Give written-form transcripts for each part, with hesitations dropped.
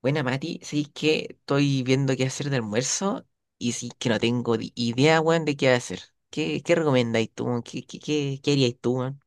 Buena, Mati, sí que estoy viendo qué hacer de almuerzo y sí que no tengo idea, weón, de qué hacer. ¿Qué recomendáis tú, weón? ¿Qué haríais tú, weón?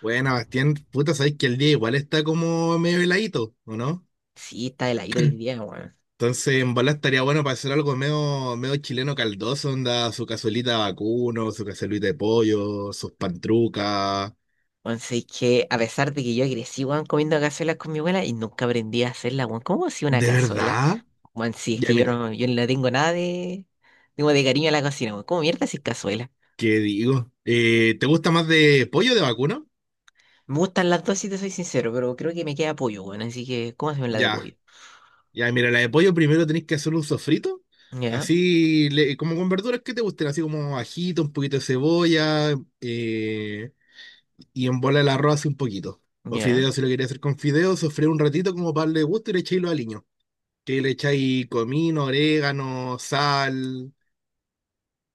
Bueno, Bastián, puta, sabéis que el día igual está como medio heladito, ¿o no? Sí, está heladito hoy día, weón. Entonces, en bola estaría bueno para hacer algo medio chileno caldoso, onda, su cazuelita de vacuno, su cazuelita de pollo, sus pantrucas. Weón, sí que a pesar de que yo crecí, weón, comiendo cazuelas con mi abuela y nunca aprendí a hacerla, weón. ¿Cómo hacía una ¿De cazuela? verdad? Weón, sí, es Ya, que yo mira, no, yo no le tengo nada de, digo, de cariño a la cocina, weón. ¿Cómo mierda haces cazuela? ¿qué digo? ¿Te gusta más de pollo o de vacuno? Me gustan las dos, si te soy sincero, pero creo que me queda pollo, weón. Así que, ¿cómo hacemos la de Ya, pollo? ya, mira, la de pollo primero tenéis que hacer un sofrito, Ya, así, como con verduras que te gusten, así como ajito, un poquito de cebolla, eh, y en bola el arroz hace un poquito. O ya, fideos, si lo quería hacer con fideos, sofré un ratito como para darle gusto y le echáis los aliños. Que le echáis comino, orégano, sal.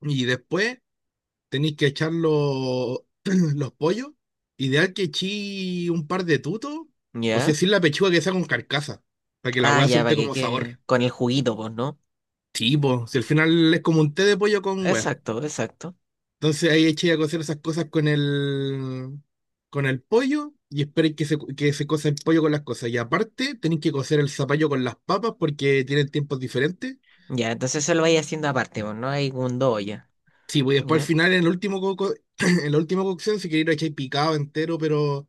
Y después tenéis que echar los, los pollos. Ideal que echéis un par de tutos. O si ya. así la pechuga que sea con carcasa. Para que la Ah, hueá ya, para suelte que como sabor. quede con el juguito, pues, ¿no? Tipo, si al final es como un té de pollo con hueá. Exacto, exacto. Entonces ahí echáis a cocer esas cosas con el pollo y esperéis que se cosa el pollo con las cosas. Y aparte tenéis que cocer el zapallo con las papas porque tienen tiempos diferentes. Ya, entonces eso lo vais haciendo aparte, pues, ¿no? Hay un do ya. Sí, pues después al ¿Ya? final, en el último en la última cocción, si queréis lo echáis picado entero, pero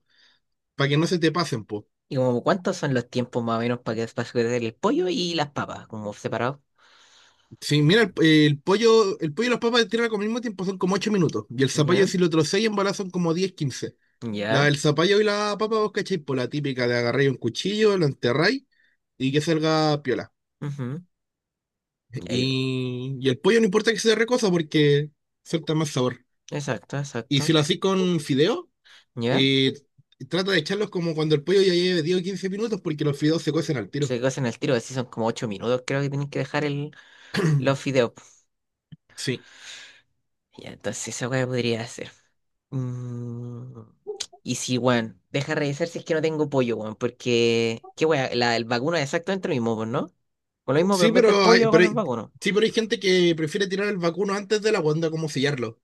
para que no se te pasen, pues. ¿Y como cuántos son los tiempos más o menos para que para hacer el pollo y las papas, como separados? Sí, mira, el pollo y las papas de tierra con el mismo tiempo son como 8 minutos. Y el zapallo, ¿Ya? si lo trocéis en bolas, son como 10 15. ¿Ya? El zapallo y la papa vos cacháis por la típica de agarrar un cuchillo, lo enterráis y que salga piola. Ujú, y ahí- Y el pollo no importa que sea recosa porque suelta más sabor. Exacto, Y si exacto. lo hacís con fideo, ¿Ya? eh, trata de echarlos como cuando el pollo ya lleve 10 o 15 minutos porque los fideos se cuecen al tiro. Se cocen al tiro, así son como 8 minutos, creo que tienen que dejar el, los fideos. Pues. Sí. Ya, entonces esa weá podría hacer. Mm, y sí, weón, deja revisar si es que no tengo pollo, weón, porque, qué weón, la, el vacuno es exactamente lo mismo, pues, ¿no? Con lo mismo, pero Sí, en vez del pero, hay- pollo, pero, con hay- el vacuno. sí, pero hay gente que prefiere tirar el vacuno antes de la onda como sellarlo.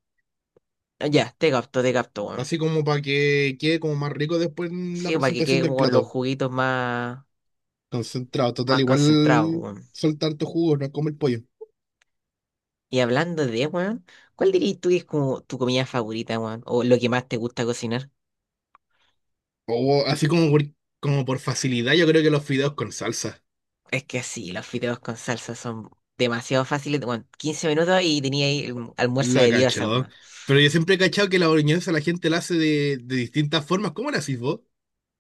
Ah, ya, te capto, weón. Así como para que quede como más rico después en la Sí, para que presentación quede del como con los plato. juguitos más, Concentrado, total, más igual concentrados, weón. soltar tu jugo, no es como el pollo. Y hablando de, weón, ¿cuál dirías tú que es como tu comida favorita, weón? O lo que más te gusta cocinar. O así como por, como por facilidad, yo creo que los fideos con salsa. Es que sí, los fideos con salsa son demasiado fáciles, weón. 15 minutos y tenía ahí el almuerzo La de Dios, cachó. weón. Pero yo siempre he cachado que la boloñesa la gente la hace de distintas formas. ¿Cómo la hacís vos?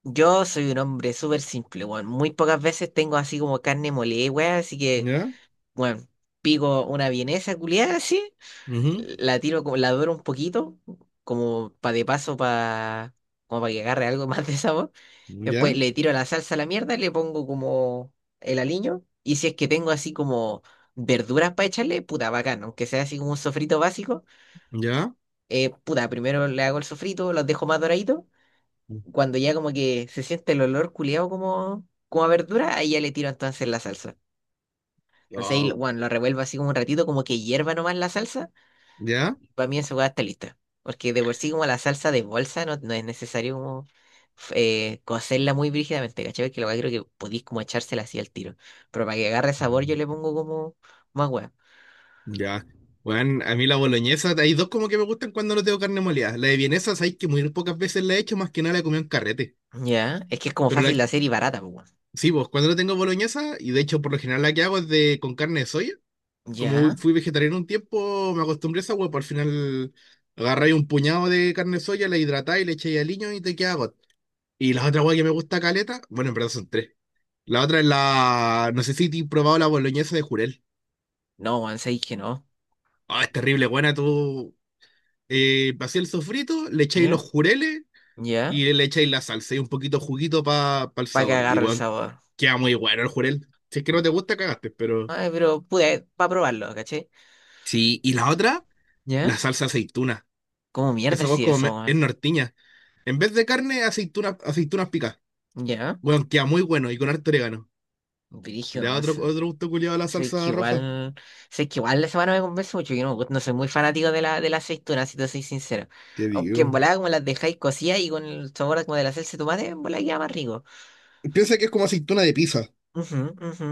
Yo soy un hombre súper simple, weón. Muy pocas veces tengo así como carne molida, weón. Así que, ¿Ya? bueno, pico una vienesa culiada así, Ujú. la tiro, la doro un poquito, como para de paso, para como para que agarre algo más de sabor. ¿Ya? Después le tiro la salsa a la mierda, le pongo como el aliño. Y si es que tengo así como verduras para echarle, puta, bacán. Aunque sea así como un sofrito básico, ¿Ya? Puta, primero le hago el sofrito, los dejo más doraditos cuando ya como que se siente el olor culeado como, a verdura, ahí ya le tiro entonces la salsa. Entonces ahí, Ah. Bueno, lo revuelvo así como un ratito, como que hierva nomás la salsa, ¿Ya? para mí esa hueá está lista. Porque de por sí como la salsa de bolsa no es necesario como cocerla muy brígidamente, ¿cachai? Que la hueá creo que podéis como echársela así al tiro. Pero para que agarre sabor yo Mm. le pongo como más hueá. Ya. Bueno, a mí la boloñesa, hay dos como que me gustan cuando no tengo carne molida. La de vienesa, sabéis que muy pocas veces la he hecho, más que nada la he comido en carrete. Ya, es que es como Pero la, fácil de hacer y barata, pues, sí, vos, cuando no tengo boloñesa, y de hecho por lo general la que hago es de con carne de soya. weón. Como Ya, fui vegetariano un tiempo, me acostumbré a esa hueá, pues al final agarráis un puñado de carne de soya, la hidratáis, le echáis aliño y te queda got. Y la otra hueá que me gusta caleta, bueno, en verdad son tres. La otra es la, no sé si te he probado la boloñesa de jurel. no, weón, sabéis que no. Ah, es terrible, buena, tú vacías el sofrito, le echáis los Ya, jureles ya, y le echáis la salsa y un poquito de juguito para el para que sabor. Y agarre el bueno, sabor. queda muy bueno el jurel. Si es que no te gusta, cagaste, pero... Ay, pero pude, para probarlo, ¿cachai? Sí, y la otra, ¿Ya? la salsa aceituna. ¿Cómo mierda Esa hueá sí eso, es weón? nortiña. En vez de carne, aceitunas, aceitunas picadas. ¿Ya? Bueno, queda muy bueno y con harto orégano. Le Brígido, da o otro, sea, otro gusto culiado a la sé que salsa roja. igual, sé que igual la semana me convence mucho, yo no soy muy fanático de la, de las aceitunas, si te soy sincero. ¿Qué Aunque en digo? volada como las dejáis cocidas y con el sabor como de la salsa de tomate, en volada queda más rico. Piensa que es como aceituna de pizza. Ujú, ujú.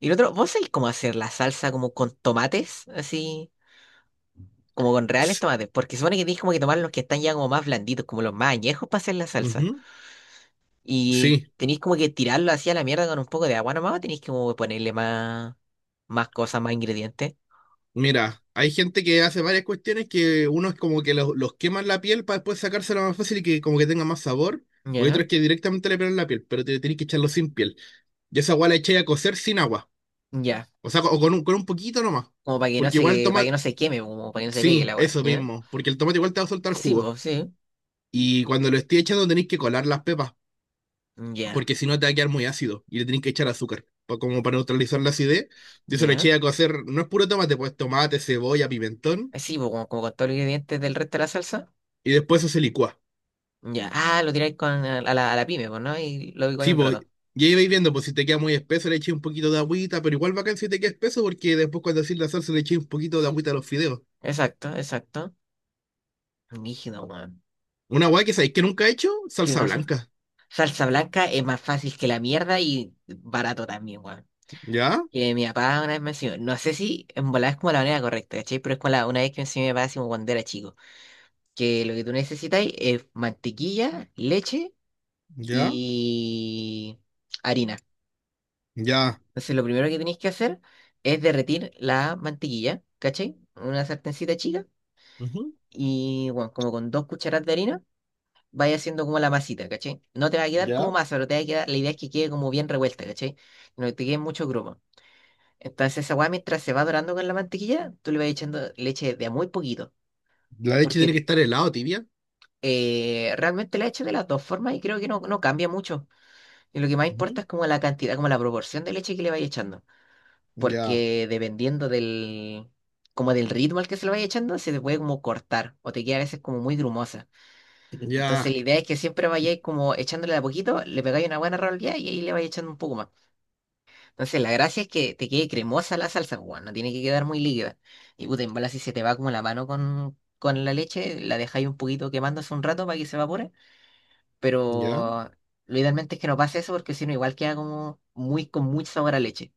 Y lo otro, ¿vos sabéis cómo hacer la salsa como con tomates? Así, como con reales Es- tomates, porque supone que tienes como que tomar los que están ya como más blanditos, como los más añejos para hacer la salsa. Ujú. Y Sí, tenéis como que tirarlo así a la mierda con un poco de agua nomás, o tenéis como que ponerle más, cosas, más ingredientes. mira, hay gente que hace varias cuestiones que uno es como que los queman la piel para después sacársela más fácil y que como que tenga más sabor. O hay Ya, otros que directamente le pegan la piel, pero te tenés que echarlo sin piel. Yo esa agua la eché a cocer sin agua. ya. O sea, o con un poquito nomás. Como para que no Porque igual el se, para que tomate. no se queme, como para que no se pegue la Sí, agua, eso ¿ya? mismo. Porque el tomate igual te va a soltar Sí, jugo. pues, sí. Y cuando lo esté echando tenéis que colar las pepas, Ya, porque si no te va a quedar muy ácido y le tenéis que echar azúcar, como para neutralizar la acidez. Yo eso le ya. eché a cocer, no es puro tomate, pues tomate, cebolla, pimentón, Sí, pues, como, como con todos los ingredientes del resto de la salsa. y después eso se licúa. Ya. Ah, lo tiráis con, a la pyme, pues, ¿no? Y lo digo ahí Sí, un pues, rato. y ahí vais viendo, pues si te queda muy espeso le eché un poquito de agüita, pero igual bacán si te queda espeso, porque después cuando hacís la salsa le eché un poquito de agüita a los fideos. Exacto, exacto. Rígido, weón. Una guay que sabéis que nunca he hecho, ¿Qué salsa cosa? blanca. Salsa blanca es más fácil que la mierda y barato también, weón. ¿Ya? Que mi papá una vez me enseñó, no sé si en volada es como la manera correcta, ¿cachai? Pero es como la, una vez que me enseñó mi papá, así como cuando era chico, que lo que tú necesitas es mantequilla, leche ¿Ya? y harina. ¿Ya? Entonces lo primero que tenéis que hacer es derretir la mantequilla, ¿cachai? En una sartencita chica Ujú. y, bueno, como con 2 cucharadas de harina, vaya haciendo como la masita, ¿cachai? No te va a quedar como ¿Ya? masa, pero te va a quedar, la idea es que quede como bien revuelta, ¿cachai? No te queden muchos grumos. Entonces esa weá mientras se va dorando con la mantequilla, tú le vas echando leche de a muy poquito, La leche tiene que porque estar helada, tibia. Realmente la echo de las dos formas y creo que no cambia mucho. Y lo que más Ujú. importa es como la cantidad, como la proporción de leche que le vais echando, Ya. porque dependiendo del, como del ritmo al que se lo vais echando, se te puede como cortar o te queda a veces como muy grumosa. Entonces Ya. la idea es que siempre vayáis como echándole de a poquito, le pegáis una buena rolleada y ahí le vais echando un poco más. Entonces, la gracia es que te quede cremosa la salsa, pues, weón, no tiene que quedar muy líquida. Y puta, en bola, si se te va como la mano con, la leche, la dejáis un poquito quemándose un rato para que se evapore. ¿Ya? Pero lo idealmente es que no pase eso, porque si no, igual queda como muy con mucho sabor a leche.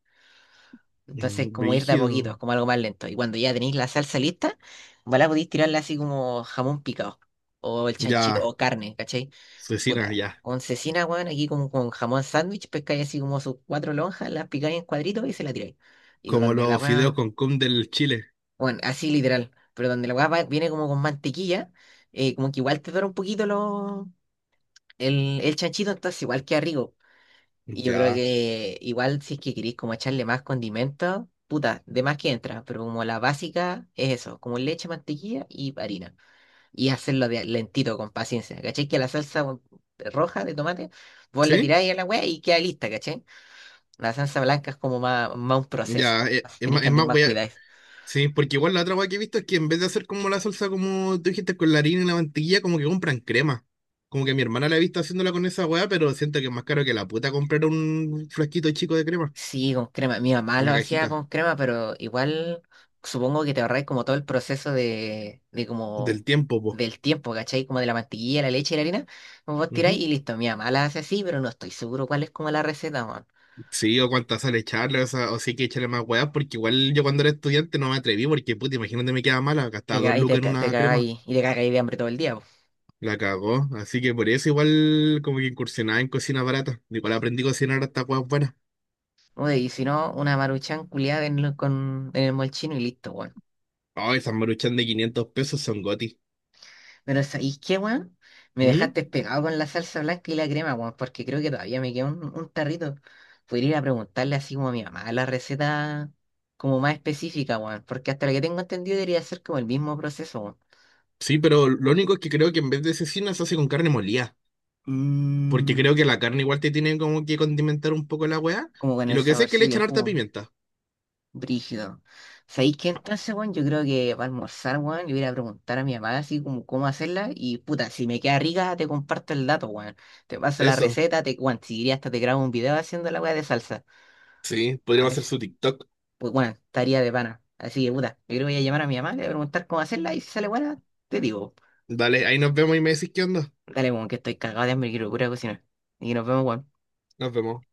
Entonces, Mm, como ir de a poquito, brígido. como algo más lento. Y cuando ya tenéis la salsa lista, en bola podéis tirarla así como jamón picado, o el chanchito, Ya, o carne, ¿cachai? cecina, Puta, ya. oncecina, weón, aquí como con jamón sándwich, pescáis así como sus 4 lonjas, las picáis en cuadritos y se la tiráis. Y Como donde la los fideos weá, con cum del Chile. bueno, así literal, pero donde la weá viene como con mantequilla, como que igual te dura un poquito lo, el chanchito, entonces igual queda rico. Y yo creo Ya. que igual si es que queréis como echarle más condimentos, puta, de más que entra, pero como la básica es eso, como leche, mantequilla y harina y hacerlo de lentito, con paciencia. ¿Cachai? Que la salsa bueno, roja de tomate, vos la ¿Sí? tiráis a la weá y queda lista, ¿cachai? La salsa blanca es como más, un proceso. Así tenéis que Es andar más más cuidados. sí, porque igual la otra wea que he visto es que en vez de hacer como la salsa, como tú dijiste, con la harina y la mantequilla, como que compran crema. Como que mi hermana la he visto haciéndola con esa wea, pero siento que es más caro que la puta comprar un frasquito chico de crema. Sí, con crema. Mi mamá lo Una hacía cajita. con crema, pero igual supongo que te ahorráis como todo el proceso de como Del tiempo, po. del tiempo, ¿cachai? Como de la mantequilla, la leche y la harina. Como vos tiráis y listo. Mi mamá la hace así, pero no estoy seguro cuál es como la receta, man. Sí, o cuántas sale echarle, o sea, o sí hay que echarle más weas, porque igual yo cuando era estudiante no me atreví, porque puta, imagínate me quedaba mala, gastaba dos Y lucas en te una crema, cagáis y te cagáis de hambre todo el día. la cagó, así que por eso igual como que incursionaba en cocina barata, igual aprendí a cocinar hasta weas buenas. Uy, y si no, una maruchan culiada en, con, en el molchino y listo, weón. Ay, esas maruchan de $500 son goti. Pero ¿sabéis qué, weón? Me ¿Mm? dejaste pegado con la salsa blanca y la crema, weón, porque creo que todavía me queda un tarrito. Podría ir a preguntarle así como a mi mamá la receta como más específica, weón, porque hasta lo que tengo entendido debería ser como el mismo proceso, weón. Sí, pero lo único es que creo que en vez de cecina se hace con carne molida, porque Mm, creo que la carne igual te tiene como que condimentar un poco la wea, como con y el lo que sé es que le saborcito y el echan harta jugo. pimienta. Brígido. ¿Sabéis qué entonces, weón? Yo creo que para almorzar, weón, le voy a ir a preguntar a mi mamá así como cómo hacerla. Y puta, si me queda rica, te comparto el dato, weón. Te paso la Eso, receta, te, weón, si quería hasta te grabo un video haciendo la weá de salsa. sí, A podríamos hacer eso. su TikTok. Pues bueno, estaría de pana. Así que puta, yo creo que voy a llamar a mi mamá, le voy a preguntar cómo hacerla y si sale buena, te digo. Dale, ahí nos vemos y me decís qué onda. Dale, weón, que estoy cagado de hambre y quiero pura cocinar. Y nos vemos, weón. Nos vemos.